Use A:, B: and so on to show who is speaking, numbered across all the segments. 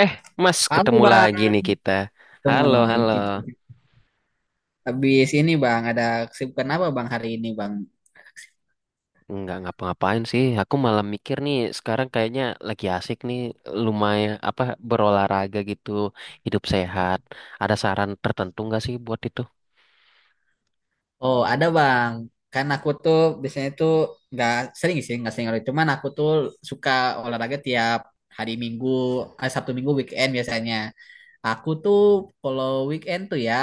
A: Eh, Mas,
B: Halo
A: ketemu lagi
B: Bang,
A: nih kita.
B: ketemu
A: Halo,
B: lagi
A: halo.
B: kita. Habis ini Bang, ada kesibukan apa Bang hari ini Bang?
A: Nggak ngapa-ngapain sih. Aku malah mikir nih, sekarang kayaknya lagi asik nih, lumayan apa berolahraga gitu, hidup sehat. Ada saran tertentu nggak sih buat itu?
B: Oh ada Bang, kan aku tuh biasanya tuh nggak sering sih, nggak sering olahraga. Cuman aku tuh suka olahraga tiap hari Minggu, eh, Sabtu Minggu weekend biasanya. Aku tuh kalau weekend tuh ya,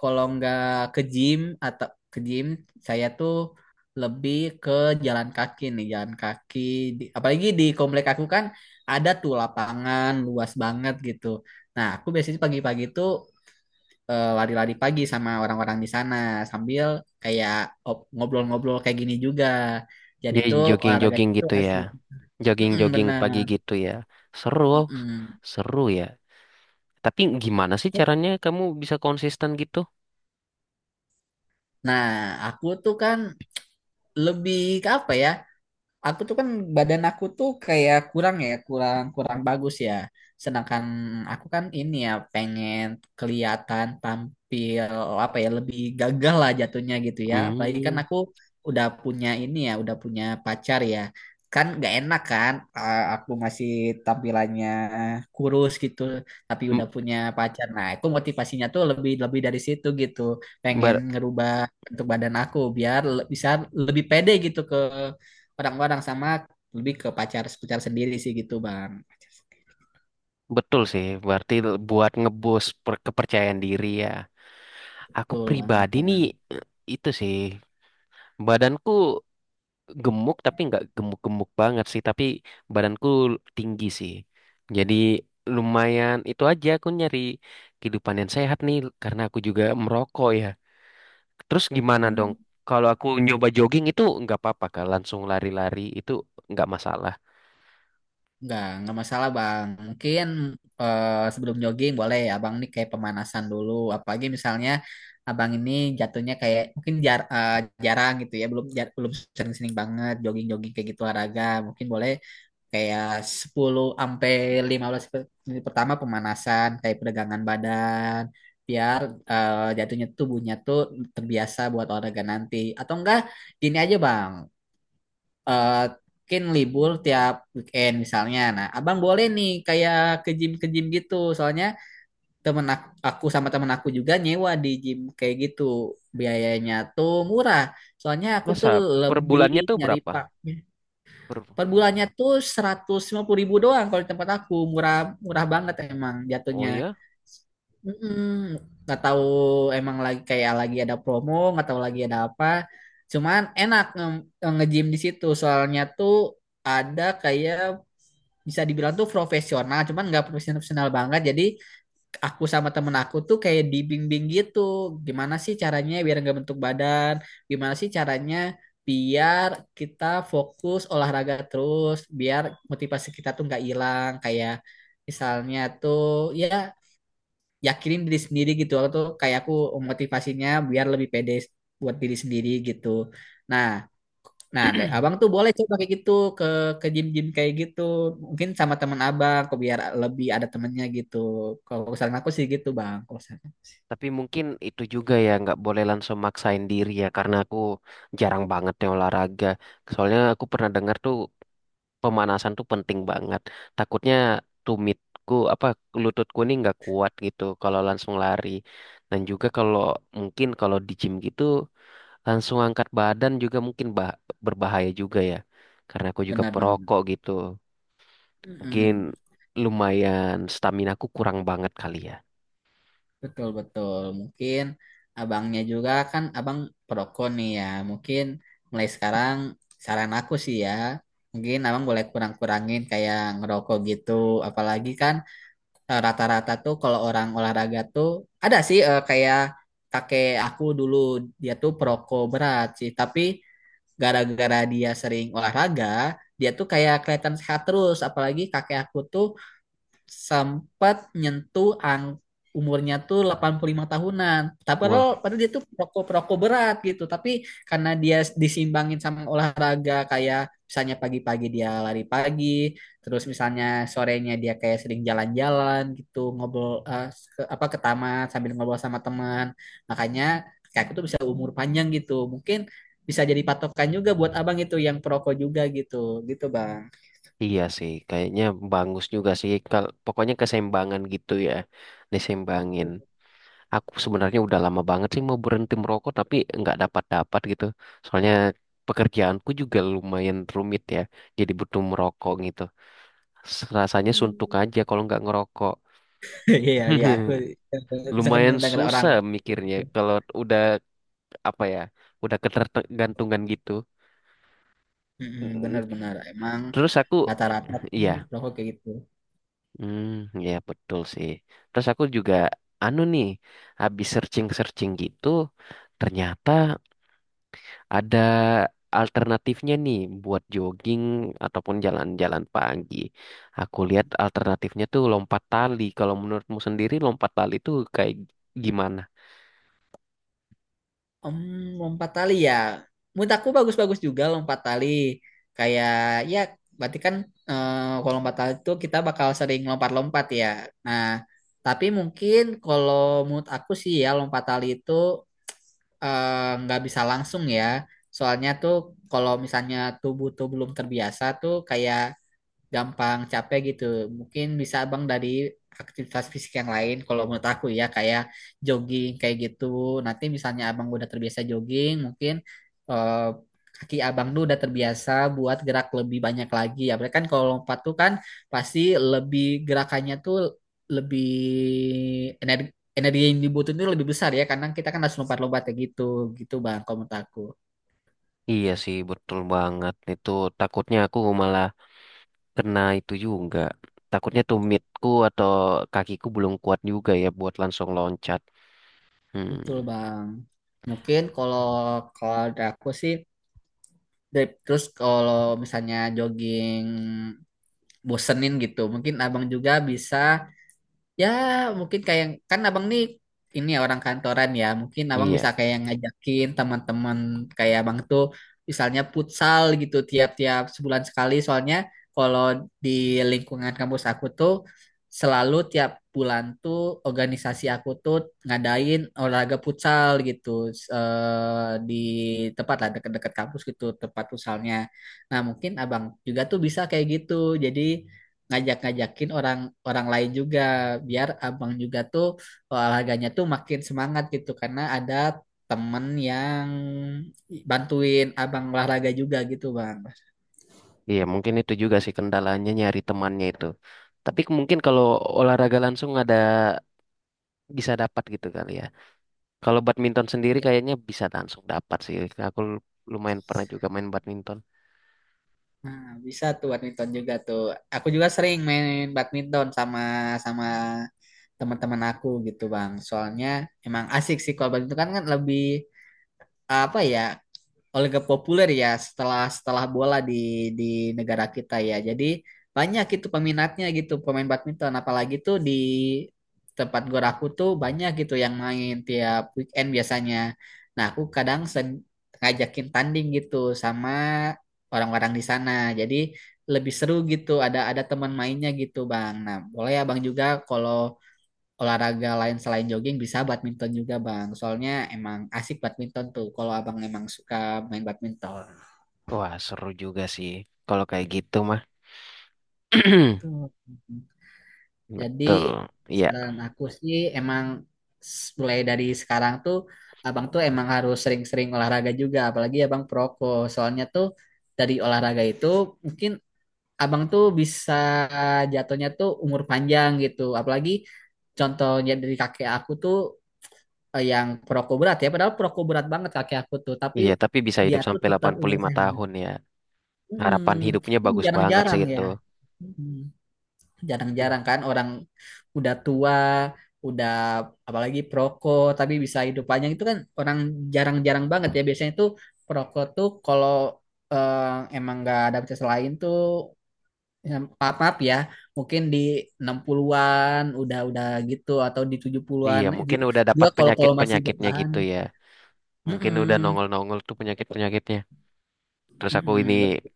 B: kalau nggak ke gym atau ke gym saya tuh lebih ke jalan kaki nih jalan kaki. Apalagi di komplek aku kan ada tuh lapangan luas banget gitu. Nah, aku biasanya pagi-pagi tuh lari-lari pagi sama orang-orang di sana sambil kayak ngobrol-ngobrol kayak gini juga. Jadi
A: Jadi
B: tuh olahraga
A: jogging-jogging
B: itu
A: gitu ya.
B: asik. Mm-mm,
A: Jogging-jogging pagi
B: benar.
A: gitu ya. Seru,
B: Mm-mm.
A: seru ya. Tapi gimana sih caranya kamu bisa konsisten gitu?
B: Nah, aku tuh kan lebih ke apa ya? Aku tuh kan badan aku tuh kayak kurang ya kurang kurang bagus ya, sedangkan aku kan ini ya pengen kelihatan tampil apa ya lebih gagah lah jatuhnya gitu ya, apalagi kan
A: Hmm.
B: aku udah punya ini ya udah punya pacar ya, kan gak enak kan aku masih tampilannya kurus gitu tapi udah
A: m-
B: punya pacar. Nah, itu motivasinya tuh lebih lebih dari situ gitu, pengen
A: bar-
B: ngerubah bentuk badan aku biar bisa lebih pede gitu ke orang-orang sama lebih ke pacar pacar sendiri sih gitu bang.
A: Betul sih. Berarti buat ngeboost kepercayaan diri ya. Aku
B: Betul banget
A: pribadi nih,
B: bang.
A: eh, itu sih badanku gemuk tapi nggak gemuk-gemuk banget sih, tapi badanku tinggi sih. Jadi lumayan itu aja aku nyari kehidupan yang sehat nih karena aku juga merokok ya. Terus gimana dong?
B: Hmm.
A: Kalau aku nyoba jogging itu nggak apa-apa kah? Langsung lari-lari itu nggak masalah.
B: Nggak masalah bang. Mungkin sebelum jogging boleh abang ini kayak pemanasan dulu. Apalagi misalnya abang ini jatuhnya kayak mungkin jarang gitu ya, belum belum sering-sering banget jogging-jogging kayak gitu olahraga. Mungkin boleh kayak 10 sampai 15 menit pertama pemanasan, kayak peregangan badan, biar jatuhnya tubuhnya tuh terbiasa buat olahraga nanti. Atau enggak, gini aja bang, eh, mungkin libur tiap weekend misalnya. Nah, abang boleh nih kayak ke gym gitu. Soalnya aku, sama temen aku juga nyewa di gym kayak gitu. Biayanya tuh murah. Soalnya aku
A: Masa
B: tuh
A: per
B: lebih
A: bulannya tuh
B: nyari
A: berapa?
B: pak.
A: Per...
B: Per bulannya tuh 150.000 ribu doang kalau di tempat aku. Murah, murah banget emang
A: Oh
B: jatuhnya.
A: ya?
B: Mm-mm. Nggak tahu emang lagi kayak lagi ada promo, nggak tahu lagi ada apa. Cuman enak nge-gym di situ. Soalnya tuh ada kayak bisa dibilang tuh profesional, cuman nggak profesional banget. Jadi aku sama temen aku tuh kayak dibimbing gitu. Gimana sih caranya biar nggak bentuk badan? Gimana sih caranya biar kita fokus olahraga terus, biar motivasi kita tuh nggak hilang. Kayak misalnya tuh ya yakinin diri sendiri gitu. Aku tuh kayak aku motivasinya biar lebih pede buat diri sendiri gitu. Nah, Nah, abang tuh boleh coba kayak gitu ke ke gym-gym kayak gitu. Mungkin sama teman abang, kok biar lebih ada temennya gitu. Kalau saran aku sih gitu, bang.
A: Tapi mungkin itu juga ya nggak boleh langsung maksain diri ya, karena aku jarang banget ya olahraga. Soalnya aku pernah dengar tuh pemanasan tuh penting banget. Takutnya tumitku apa lututku nih nggak kuat gitu kalau langsung lari. Dan juga kalau mungkin kalau di gym gitu langsung angkat badan juga mungkin berbahaya juga ya. Karena aku juga
B: Benar-benar.
A: perokok gitu. Mungkin
B: Mm-mm.
A: lumayan stamina aku kurang banget kali
B: Betul betul. Mungkin abangnya juga kan abang perokok nih ya. Mungkin mulai sekarang saran aku sih ya. Mungkin abang boleh kurang-kurangin kayak ngerokok gitu. Apalagi kan rata-rata tuh kalau orang olahraga tuh ada sih kayak kakek aku dulu dia tuh perokok berat sih tapi gara-gara dia sering olahraga dia tuh kayak kelihatan sehat terus. Apalagi kakek aku tuh sempat nyentuh umurnya tuh 85 tahunan. Tapi
A: ya.
B: padahal, padahal dia tuh perokok-perokok berat gitu. Tapi karena dia disimbangin sama olahraga kayak misalnya pagi-pagi dia lari pagi, terus misalnya sorenya dia kayak sering jalan-jalan gitu, ngobrol apa ke taman sambil ngobrol sama teman. Makanya kayak aku tuh bisa umur panjang gitu. Mungkin bisa jadi patokan juga buat abang itu yang perokok juga gitu. Gitu, Bang.
A: Iya sih, kayaknya bagus juga sih. Kalau pokoknya keseimbangan gitu ya, diseimbangin. Aku sebenarnya udah lama banget sih mau berhenti merokok, tapi nggak dapat-dapat gitu. Soalnya pekerjaanku juga lumayan rumit ya, jadi butuh merokok gitu. Rasanya suntuk
B: Hmm.
A: aja kalau nggak ngerokok.
B: Iya, iya, aku sangat
A: Lumayan
B: mendengar orang
A: susah mikirnya
B: begitu.
A: kalau udah apa ya, udah ketergantungan gitu. Mm.
B: Benar-benar emang
A: Terus aku,
B: rata-rata tuh
A: iya.
B: perokok kayak gitu.
A: Hmm, ya betul sih. Terus aku juga anu nih, habis searching-searching gitu, ternyata ada alternatifnya nih buat jogging ataupun jalan-jalan pagi. Aku lihat alternatifnya tuh lompat tali. Kalau menurutmu sendiri lompat tali tuh kayak gimana?
B: Em, Lompat tali ya. Menurut aku bagus-bagus juga lompat tali. Kayak ya berarti kan eh, kalau lompat tali itu kita bakal sering lompat-lompat ya. Nah, tapi mungkin kalau menurut aku sih ya lompat tali itu nggak bisa langsung ya. Soalnya tuh kalau misalnya tubuh tuh belum terbiasa tuh kayak gampang capek gitu. Mungkin bisa abang dari aktivitas fisik yang lain kalau menurut aku ya kayak jogging kayak gitu. Nanti misalnya abang udah terbiasa jogging, mungkin eh, kaki abang tuh udah terbiasa buat gerak lebih banyak lagi. Ya, berarti kan kalau lompat tuh kan pasti lebih gerakannya tuh lebih energi energi yang dibutuhin tuh lebih besar ya karena kita kan harus lompat-lompat kayak gitu gitu bang kalau menurut aku.
A: Iya sih, betul banget. Itu takutnya aku malah kena itu juga. Takutnya tumitku atau kakiku belum kuat juga ya buat langsung loncat. Hmm.
B: Betul bang. Mungkin kalau kalau dari aku sih. Terus kalau misalnya jogging bosenin gitu, mungkin abang juga bisa. Ya, mungkin kayak kan abang nih ini ya orang kantoran ya. Mungkin abang
A: Iya,
B: bisa kayak ngajakin teman-teman kayak abang tuh misalnya futsal gitu tiap-tiap sebulan sekali. Soalnya kalau di lingkungan kampus aku tuh selalu tiap bulan tuh organisasi aku tuh ngadain olahraga futsal gitu di tempat lah dekat-dekat kampus gitu tempat futsalnya. Nah, mungkin abang juga tuh bisa kayak gitu. Jadi ngajak-ngajakin orang orang lain juga biar abang juga tuh olahraganya tuh makin semangat gitu karena ada temen yang bantuin abang olahraga juga gitu bang.
A: iya, mungkin itu juga sih kendalanya nyari temannya itu. Tapi mungkin kalau olahraga langsung ada bisa dapat gitu kali ya. Kalau badminton sendiri kayaknya bisa langsung dapat sih. Aku lu- Lumayan pernah juga main badminton.
B: Nah, bisa tuh badminton juga tuh. Aku juga sering main badminton sama sama teman-teman aku gitu bang. Soalnya emang asik sih kalau badminton kan, kan lebih apa ya olahraga populer ya setelah setelah bola di negara kita ya. Jadi banyak itu peminatnya gitu pemain badminton apalagi tuh di tempat gor aku tuh banyak gitu yang main tiap weekend biasanya. Nah, aku kadang ngajakin tanding gitu sama orang-orang di sana. Jadi lebih seru gitu ada teman mainnya gitu, Bang. Nah, boleh ya Bang juga kalau olahraga lain selain jogging bisa badminton juga bang soalnya emang asik badminton tuh kalau abang emang suka main badminton
A: Wah, seru juga sih kalau kayak gitu mah.
B: tuh. Jadi
A: Betul. Iya,
B: saran aku sih emang mulai dari sekarang tuh abang tuh emang harus sering-sering olahraga juga apalagi abang soalnya tuh dari olahraga itu mungkin abang tuh bisa jatuhnya tuh umur panjang gitu apalagi contohnya dari kakek aku tuh yang perokok berat ya padahal perokok berat banget kakek aku tuh tapi
A: iya, tapi bisa
B: dia
A: hidup
B: tuh
A: sampai
B: tetap
A: delapan puluh
B: umur
A: lima
B: sehat.
A: tahun ya. Harapan
B: Mm,
A: hidupnya
B: ini
A: bagus banget sih
B: jarang-jarang
A: itu.
B: ya. Mm,
A: Hmm.
B: Jarang-jarang kan orang udah tua udah apalagi perokok tapi bisa hidup panjang itu kan orang jarang-jarang banget ya biasanya tuh perokok tuh kalau eh, emang nggak ada bisa lain tuh ya, maaf, maaf ya mungkin di 60-an udah gitu atau di
A: Iya,
B: 70-an itu
A: mungkin udah dapat
B: juga kalau kalau masih
A: penyakit-penyakitnya
B: bertahan.
A: gitu ya. Mungkin udah
B: Mm-mm,
A: nongol-nongol tuh penyakit-penyakitnya. Terus aku ini,
B: mm-mm,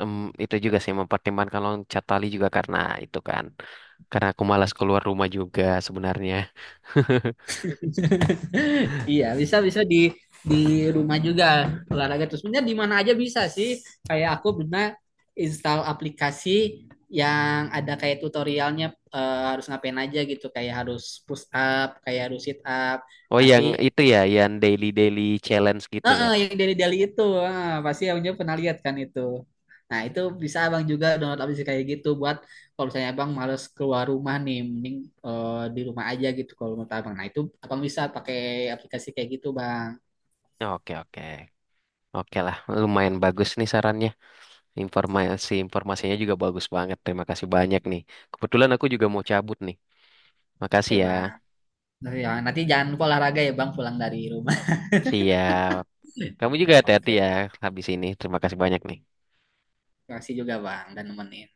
A: Em, itu juga sih mempertimbangkan loncat tali juga karena itu kan. Karena aku malas keluar rumah juga sebenarnya.
B: Iya, bisa bisa di rumah juga olahraga terus. Sebenarnya di mana aja bisa sih. Kayak aku pernah install aplikasi yang ada kayak tutorialnya harus ngapain aja gitu. Kayak harus push up, kayak harus sit up.
A: Oh yang
B: Nanti
A: itu ya, yang daily daily challenge gitu ya.
B: heeh, yang dari Dali itu, ah, pasti abangnya pernah lihat kan itu. Nah, itu bisa abang juga download aplikasi kayak gitu buat kalau misalnya abang males keluar rumah nih, mending di rumah aja gitu kalau menurut abang. Nah, itu abang bisa pakai aplikasi kayak gitu bang.
A: Oke, oke. Oke lah, lumayan bagus nih sarannya. Informasinya juga bagus banget. Terima kasih banyak nih. Kebetulan aku juga mau cabut nih.
B: Oke
A: Makasih ya.
B: bang. Nah, ya, nanti jangan lupa olahraga ya bang pulang dari rumah.
A: Siap. Kamu juga
B: Ya
A: hati-hati
B: oke
A: ya
B: bang.
A: habis ini. Terima kasih banyak nih.
B: Terima kasih juga bang dan nemenin.